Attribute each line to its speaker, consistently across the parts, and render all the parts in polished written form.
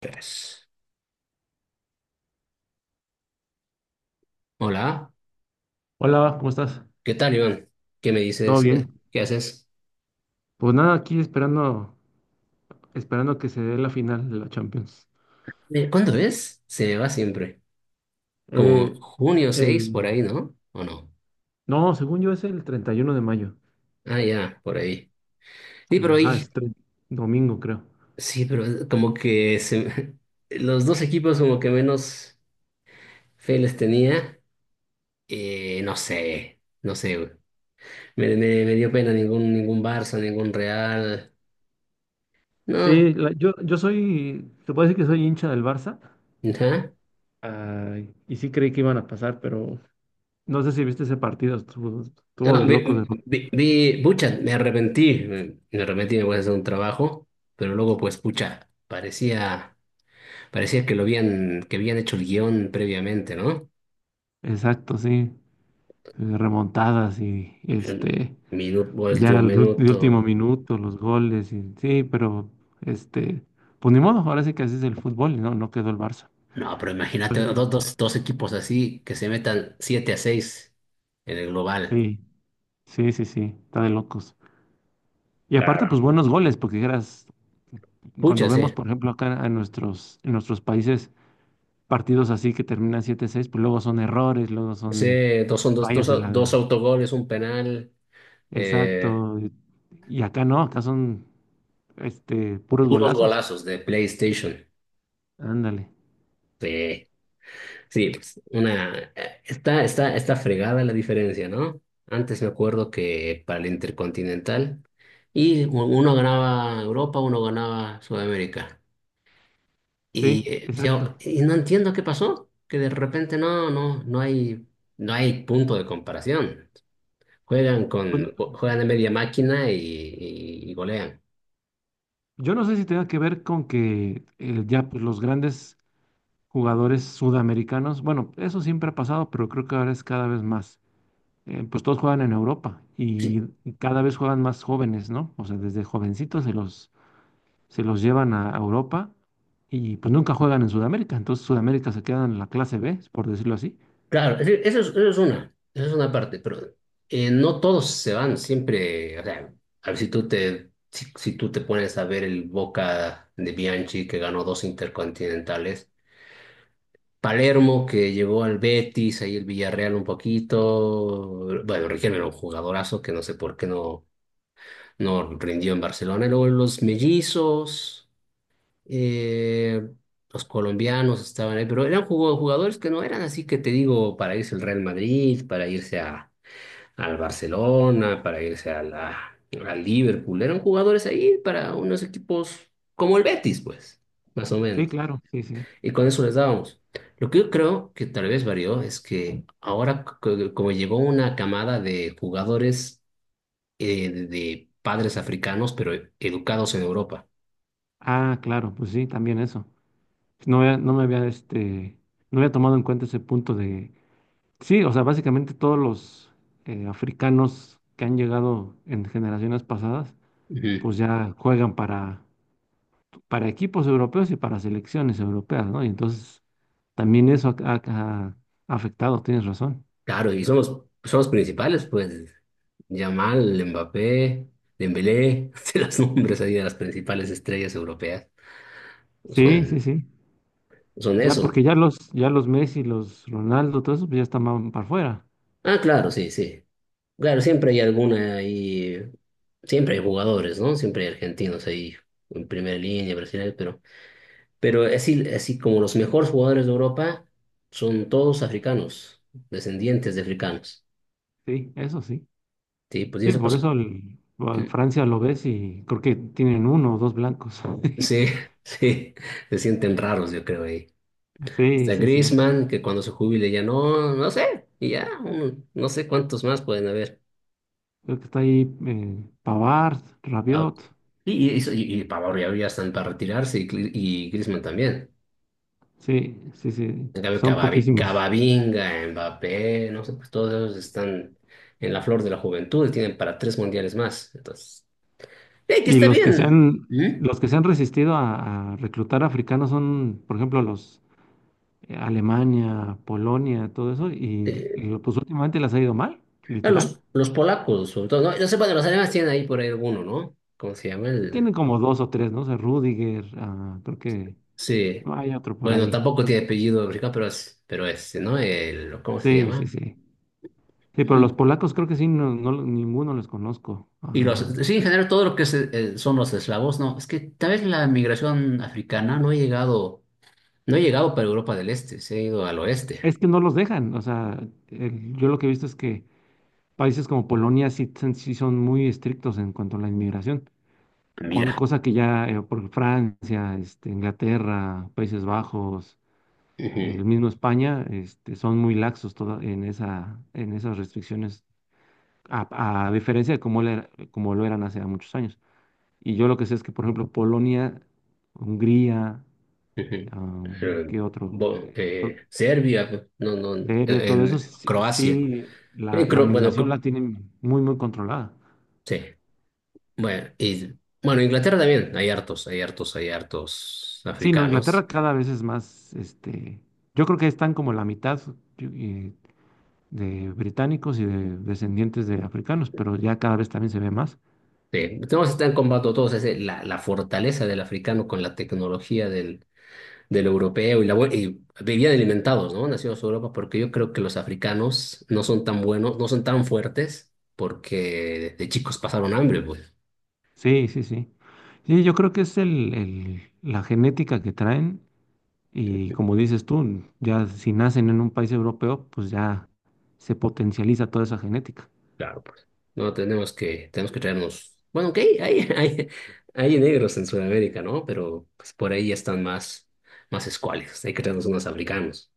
Speaker 1: Pues, hola,
Speaker 2: Hola, ¿cómo estás?
Speaker 1: ¿qué tal, Iván? ¿Qué me
Speaker 2: ¿Todo
Speaker 1: dices? ¿Qué,
Speaker 2: bien?
Speaker 1: qué haces?
Speaker 2: Pues nada, aquí esperando, esperando que se dé la final de la Champions.
Speaker 1: ¿Cuándo es? Se me va siempre. Como
Speaker 2: Eh,
Speaker 1: junio 6
Speaker 2: el,
Speaker 1: por ahí, ¿no? ¿O no?
Speaker 2: no, según yo es el 31 de mayo.
Speaker 1: Ah, ya, por ahí. Sí,
Speaker 2: El,
Speaker 1: pero
Speaker 2: ajá, es
Speaker 1: ahí,
Speaker 2: tre- Domingo, creo.
Speaker 1: sí, pero como que se me- los dos equipos como que menos fe les tenía. No sé, no sé, güey. Me dio pena ningún Barça, ningún Real. No,
Speaker 2: Yo soy, se puede decir que soy hincha del Barça.
Speaker 1: ajá.
Speaker 2: Ah, y sí creí que iban a pasar, pero no sé si viste ese partido, estuvo, estuvo
Speaker 1: No,
Speaker 2: de locos.
Speaker 1: pucha, me arrepentí, me arrepentí, me voy a hacer un trabajo, pero luego pues, pucha, parecía, que habían hecho el guión previamente, ¿no?
Speaker 2: Exacto, sí. Remontadas. y
Speaker 1: El
Speaker 2: este,
Speaker 1: Minuto,
Speaker 2: Ya
Speaker 1: último
Speaker 2: el, ul- el último
Speaker 1: minuto.
Speaker 2: minuto, los goles, y, sí, pero este, pues ni modo, ahora sí que así es el fútbol, ¿no? No quedó el Barça.
Speaker 1: No, pero
Speaker 2: Por
Speaker 1: imagínate
Speaker 2: eso te-
Speaker 1: dos equipos así que se metan 7-6 en el global.
Speaker 2: Sí, sí, sí, sí, está de locos. Y aparte,
Speaker 1: Claro.
Speaker 2: pues buenos goles, porque dijeras, cuando
Speaker 1: Pucha,
Speaker 2: vemos,
Speaker 1: sí.
Speaker 2: por ejemplo, acá en nuestros países, partidos así que terminan siete seis pues luego son errores, luego son
Speaker 1: Sí, dos son dos,
Speaker 2: fallas en
Speaker 1: dos, dos autogoles, un penal, eh,
Speaker 2: Exacto. Y acá no, acá son puros
Speaker 1: puros
Speaker 2: golazos.
Speaker 1: golazos de PlayStation.
Speaker 2: Ándale.
Speaker 1: Sí. Sí, pues está fregada la diferencia, ¿no? Antes me acuerdo que para el Intercontinental, y uno ganaba Europa, uno ganaba Sudamérica. Y
Speaker 2: Sí, exacto.
Speaker 1: yo no entiendo qué pasó, que de repente no, no, no hay punto de comparación.
Speaker 2: Pues no-
Speaker 1: Juegan de media máquina y golean.
Speaker 2: Yo no sé si tenga que ver con que ya pues, los grandes jugadores sudamericanos, bueno, eso siempre ha pasado, pero creo que ahora es cada vez más. Pues todos juegan en Europa y cada vez juegan más jóvenes, ¿no? O sea, desde jovencitos se los llevan a Europa y pues nunca juegan en Sudamérica. Entonces Sudamérica se queda en la clase B, por decirlo así.
Speaker 1: Claro, es decir, eso es una parte, pero no todos se van siempre, o sea, a ver si tú te, si tú te pones a ver el Boca de Bianchi que ganó dos intercontinentales, Palermo que llegó al Betis, ahí el Villarreal un poquito, bueno, Riquelme era un jugadorazo que no sé por qué no rindió en Barcelona, y luego los mellizos eh, los colombianos estaban ahí, pero eran jugadores que no eran así que te digo, para irse al Real Madrid, para irse al Barcelona, para irse a al Liverpool, eran jugadores ahí para unos equipos como el Betis, pues, más o
Speaker 2: Sí,
Speaker 1: menos.
Speaker 2: claro, sí, sí.
Speaker 1: Y con eso les dábamos. Lo que yo creo que tal vez varió es que ahora, como llegó una camada de jugadores de padres africanos, pero educados en Europa.
Speaker 2: Ah, claro, pues sí, también eso. No me había, no había tomado en cuenta ese punto de sí, o sea, básicamente todos los africanos que han llegado en generaciones pasadas,
Speaker 1: Ujú.
Speaker 2: pues ya juegan para equipos europeos y para selecciones europeas, ¿no? Y entonces también eso ha afectado, tienes razón.
Speaker 1: Claro, y son los principales, pues. Yamal, Mbappé, Dembélé, se los nombres ahí de las principales estrellas europeas.
Speaker 2: Sí,
Speaker 1: Son,
Speaker 2: sí, sí.
Speaker 1: son
Speaker 2: Ya
Speaker 1: eso.
Speaker 2: porque ya los Messi, los Ronaldo, todo eso, pues ya están para afuera.
Speaker 1: Ah, claro, sí, sí. Claro, siempre hay alguna ahí, siempre hay jugadores, ¿no? Siempre hay argentinos ahí en primera línea, brasileños, pero, así, así como los mejores jugadores de Europa son todos africanos, descendientes de africanos.
Speaker 2: Sí, eso sí.
Speaker 1: Sí, pues y
Speaker 2: Sí,
Speaker 1: eso
Speaker 2: por
Speaker 1: pasó.
Speaker 2: eso a Francia lo ves y creo que tienen uno o dos blancos.
Speaker 1: Sí, sí, se sienten raros, yo creo ahí.
Speaker 2: Sí,
Speaker 1: Está
Speaker 2: sí, sí.
Speaker 1: Griezmann, que cuando se jubile ya no, no sé, y ya, no sé cuántos más pueden haber.
Speaker 2: Creo que está ahí Pavard,
Speaker 1: Ah,
Speaker 2: Rabiot.
Speaker 1: Y, y Pavard ya están para retirarse y Griezmann también.
Speaker 2: Sí, sí, sí,
Speaker 1: En cambio,
Speaker 2: son poquísimos.
Speaker 1: Camavinga, Mbappé, no sé, pues todos ellos están en la flor de la juventud y tienen para tres mundiales más. Entonces, que
Speaker 2: Y
Speaker 1: está
Speaker 2: los que se
Speaker 1: bien.
Speaker 2: han,
Speaker 1: ¿Mm?
Speaker 2: los que se han resistido a reclutar africanos son, por ejemplo, los Alemania, Polonia, todo eso,
Speaker 1: Eh,
Speaker 2: y pues últimamente les ha ido mal, literal.
Speaker 1: los polacos, sobre todo, no, no sé, bueno, los alemanes tienen ahí por ahí alguno, ¿no? ¿Cómo se llama?
Speaker 2: Sí,
Speaker 1: El
Speaker 2: tienen como dos o tres, ¿no? O sea, Rüdiger, ah, creo que
Speaker 1: sí.
Speaker 2: no hay otro por
Speaker 1: Bueno,
Speaker 2: ahí.
Speaker 1: tampoco tiene apellido africano, pero este, ¿no? El, ¿cómo se
Speaker 2: Sí, sí,
Speaker 1: llama?
Speaker 2: sí. Sí, pero los
Speaker 1: Mm,
Speaker 2: polacos creo que sí, no, no, ninguno les conozco.
Speaker 1: Y los,
Speaker 2: Ah,
Speaker 1: sí, en
Speaker 2: y
Speaker 1: general, todo lo que son los eslavos, no, es que tal vez la migración africana no ha llegado, no ha llegado para Europa del Este, se ha ido al oeste.
Speaker 2: es que no los dejan, o sea, yo lo que he visto es que países como Polonia sí son muy estrictos en cuanto a la inmigración, con,
Speaker 1: Mira.
Speaker 2: cosa que ya por Francia, Inglaterra, Países Bajos, el
Speaker 1: Ujú,
Speaker 2: mismo España, son muy laxos en esas restricciones, a diferencia de cómo, como lo eran hace muchos años. Y yo lo que sé es que, por ejemplo, Polonia, Hungría,
Speaker 1: ujú.
Speaker 2: am,
Speaker 1: Eh,
Speaker 2: ¿qué otro?
Speaker 1: Serbia, no, no, en,
Speaker 2: Serbia, todo eso,
Speaker 1: en
Speaker 2: sí,
Speaker 1: Croacia.
Speaker 2: sí,
Speaker 1: En
Speaker 2: la
Speaker 1: Cro- bueno,
Speaker 2: migración la
Speaker 1: Cro-
Speaker 2: tienen muy, muy controlada.
Speaker 1: Sí. Bueno, y, bueno, Inglaterra también, hay hartos
Speaker 2: Sí, no,
Speaker 1: africanos.
Speaker 2: Inglaterra cada vez es más, yo creo que están como la mitad yo- eh, de británicos y de descendientes de africanos, pero ya cada vez también se ve más.
Speaker 1: Sí, tenemos están en todos, ese la fortaleza del africano con la tecnología del europeo y vivían alimentados, ¿no? Nacidos en Europa, porque yo creo que los africanos no son tan buenos, no son tan fuertes, porque de chicos pasaron hambre, pues.
Speaker 2: Sí, sí, sí. Sí, yo creo que es la genética que traen y como dices tú, ya si nacen en un país europeo, pues ya se potencializa toda esa genética.
Speaker 1: Claro, pues. No, tenemos que traernos. Bueno, ok, hay negros en Sudamérica, ¿no? Pero pues, por ahí ya están más, más escuálidos, hay que traernos unos africanos.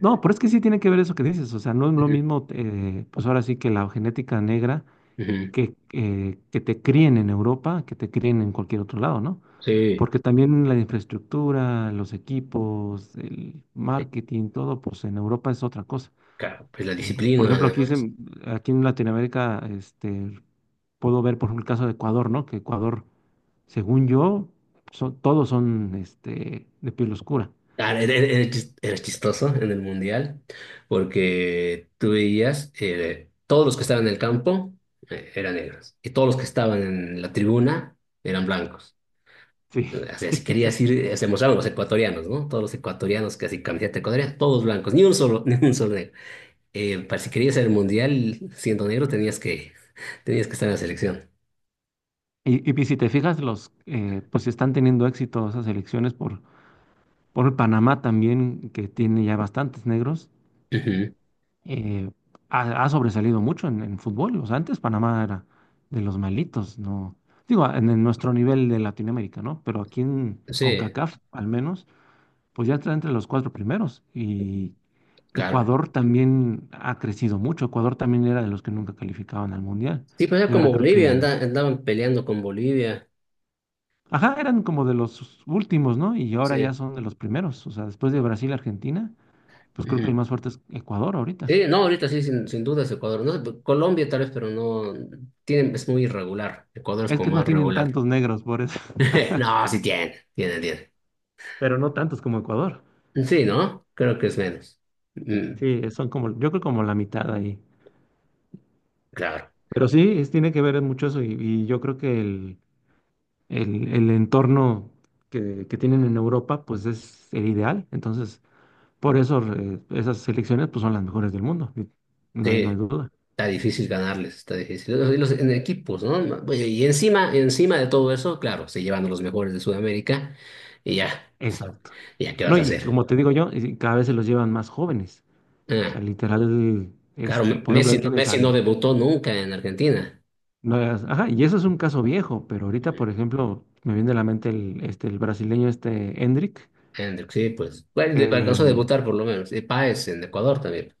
Speaker 2: No, pero es que sí tiene que ver eso que dices, o sea, no es lo
Speaker 1: Ujú.
Speaker 2: mismo, pues ahora sí que la genética negra
Speaker 1: Ujú.
Speaker 2: que te críen en Europa, que te críen en cualquier otro lado, ¿no?
Speaker 1: Sí,
Speaker 2: Porque también la infraestructura, los equipos, el
Speaker 1: sí,
Speaker 2: marketing, todo, pues en Europa es otra cosa.
Speaker 1: claro, pues la
Speaker 2: Por
Speaker 1: disciplina,
Speaker 2: ejemplo,
Speaker 1: además.
Speaker 2: aquí en Latinoamérica, puedo ver, por ejemplo, el caso de Ecuador, ¿no? Que Ecuador, según yo, son, todos son de piel oscura.
Speaker 1: Ah, era chistoso en el mundial porque tú veías todos los que estaban en el campo eran negros y todos los que estaban en la tribuna eran blancos.
Speaker 2: Sí.
Speaker 1: O sea, si
Speaker 2: Esa-
Speaker 1: querías ir, se mostraban los ecuatorianos, ¿no? Todos los ecuatorianos casi así camiseta ecuatoriana, todos blancos, ni un solo, ni un solo negro. Para si querías ir al mundial siendo negro tenías que, estar en la selección.
Speaker 2: Y, y pues, si te fijas, los, pues están teniendo éxito esas elecciones por Panamá también, que tiene ya bastantes negros,
Speaker 1: Ujú.
Speaker 2: eh, ha, ha sobresalido mucho en fútbol. O sea, antes Panamá era de los malitos, ¿no? Digo, en nuestro nivel de Latinoamérica, ¿no? Pero aquí en
Speaker 1: Sí,
Speaker 2: CONCACAF, al menos, pues ya está entre los cuatro primeros. Y
Speaker 1: claro.
Speaker 2: Ecuador también ha crecido mucho. Ecuador también era de los que nunca calificaban al Mundial.
Speaker 1: Sí, pues era
Speaker 2: Y
Speaker 1: como
Speaker 2: ahora creo
Speaker 1: Bolivia,
Speaker 2: que...
Speaker 1: andaban peleando con Bolivia.
Speaker 2: Ajá, eran como de los últimos, ¿no? Y ahora
Speaker 1: Sí.
Speaker 2: ya son de los primeros. O sea, después de Brasil y Argentina, pues creo que el
Speaker 1: Ujú.
Speaker 2: más fuerte es Ecuador ahorita.
Speaker 1: Sí, no, ahorita sí, sin dudas Ecuador, ¿no? Colombia tal vez, pero no, es muy irregular. Ecuador es
Speaker 2: Es que
Speaker 1: como
Speaker 2: no
Speaker 1: más
Speaker 2: tienen
Speaker 1: regular.
Speaker 2: tantos negros, por eso.
Speaker 1: No, sí tiene, tiene, tiene.
Speaker 2: Pero no tantos como Ecuador.
Speaker 1: Sí, ¿no? Creo que es menos. Mm,
Speaker 2: Sí, son como, yo creo como la mitad ahí.
Speaker 1: claro,
Speaker 2: Pero sí, tiene que ver mucho eso y yo creo que el entorno que tienen en Europa pues es el ideal. Entonces, por eso esas selecciones pues son las mejores del mundo. Y no hay, no hay
Speaker 1: sí,
Speaker 2: duda.
Speaker 1: está difícil ganarles, está difícil. Y en equipos, ¿no? Oye, y encima, encima de todo eso, claro, se llevan a los mejores de Sudamérica y ya,
Speaker 2: Exacto.
Speaker 1: ya, ¿qué
Speaker 2: No,
Speaker 1: vas a
Speaker 2: y
Speaker 1: hacer?
Speaker 2: como te digo yo, y cada vez se los llevan más jóvenes. O sea,
Speaker 1: Ah,
Speaker 2: literal,
Speaker 1: claro,
Speaker 2: por ejemplo,
Speaker 1: Messi,
Speaker 2: ahí tienes
Speaker 1: Messi no
Speaker 2: al...
Speaker 1: debutó nunca en Argentina.
Speaker 2: no, ajá, y eso es un caso viejo, pero ahorita, por ejemplo, me viene a la mente el brasileño este Endrick.
Speaker 1: Hendrix, sí, pues. Bueno, alcanzó a
Speaker 2: Que
Speaker 1: debutar por lo menos. Y Páez en Ecuador también.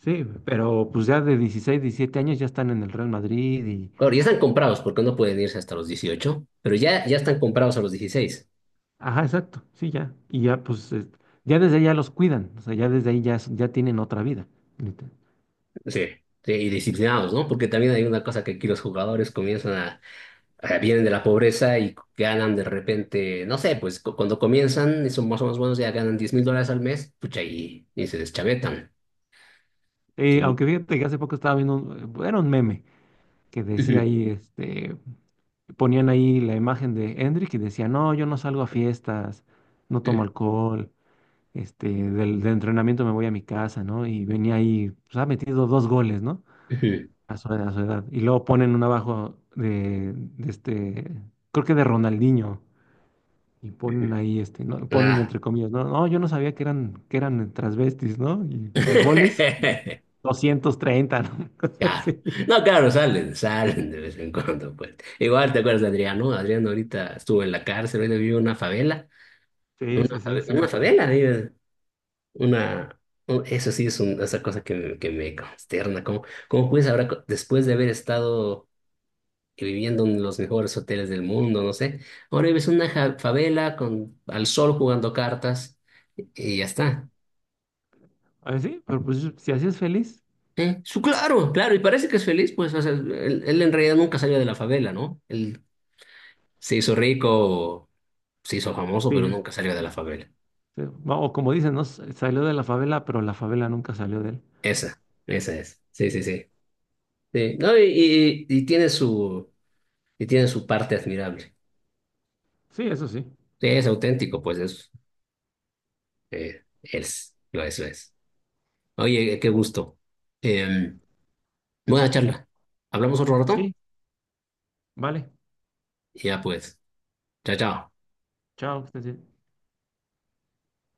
Speaker 2: sí, pero pues ya de 16, 17 años ya están en el Real Madrid y...
Speaker 1: Claro, ya están comprados porque no pueden irse hasta los 18, pero ya están comprados a los 16.
Speaker 2: Ajá, exacto, sí, ya. Y ya pues, ya desde ahí ya los cuidan, o sea, ya desde ahí ya, ya tienen otra vida. Neta.
Speaker 1: Sí. Sí, y disciplinados, ¿no? Porque también hay una cosa que aquí los jugadores comienzan a vienen de la pobreza y ganan de repente, no sé, pues cuando comienzan y son más o menos buenos, ya ganan $10,000 al mes, pucha, y se deschavetan. Y-
Speaker 2: Aunque fíjate que hace poco estaba viendo, un, era un meme que decía
Speaker 1: Ujú,
Speaker 2: ahí, ponían ahí la imagen de Hendrik y decía, no, yo no salgo a fiestas, no tomo
Speaker 1: ujú,
Speaker 2: alcohol, del entrenamiento me voy a mi casa, ¿no? Y venía ahí, pues ha metido dos goles, ¿no?
Speaker 1: ujú,
Speaker 2: A a su edad. Y luego ponen un abajo de este, creo que de Ronaldinho. Y
Speaker 1: ujú.
Speaker 2: ponen ahí, ¿no? Ponen
Speaker 1: Ah.
Speaker 2: entre comillas, no, no, yo no sabía que eran transvestis, ¿no? Y goles, 230, ¿no?
Speaker 1: Claro.
Speaker 2: Sí,
Speaker 1: No, claro, salen de vez en cuando, pues. Igual te acuerdas de Adrián, ¿no? Adrián ahorita estuvo en la cárcel, hoy vive en una favela.
Speaker 2: sí me
Speaker 1: Unas
Speaker 2: acuerdo.
Speaker 1: adelas, digo, una, eso sí es esa cosa que me consterna. ¿Cómo puedes ahora, después de haber estado viviendo en los mejores hoteles del mundo, no sé, ahora ves una favela al sol jugando cartas y ya está?
Speaker 2: A ver, sí, pero pues si así es feliz,
Speaker 1: ¿Eh? Claro, claro, y parece que es feliz, pues, o sea, él en realidad nunca salió de la favela, ¿no? Él se hizo rico, se hizo famoso, pero
Speaker 2: sí.
Speaker 1: nunca salió de la
Speaker 2: eh,
Speaker 1: favela.
Speaker 2: Sí, o como dicen, ¿no? Salió de la favela, pero la favela nunca salió de él.
Speaker 1: Esa, esa es. Sí, sí, sí. Sí, no, y tiene su parte admirable.
Speaker 2: Sí, eso sí.
Speaker 1: Sí, es auténtico, pues lo es, lo es. Oye, qué gusto. Eh, Buena charla. ¿Hablamos otro rato?
Speaker 2: Sí, vale.
Speaker 1: Ya pues. Chao, chao.
Speaker 2: Chao, que estés bien.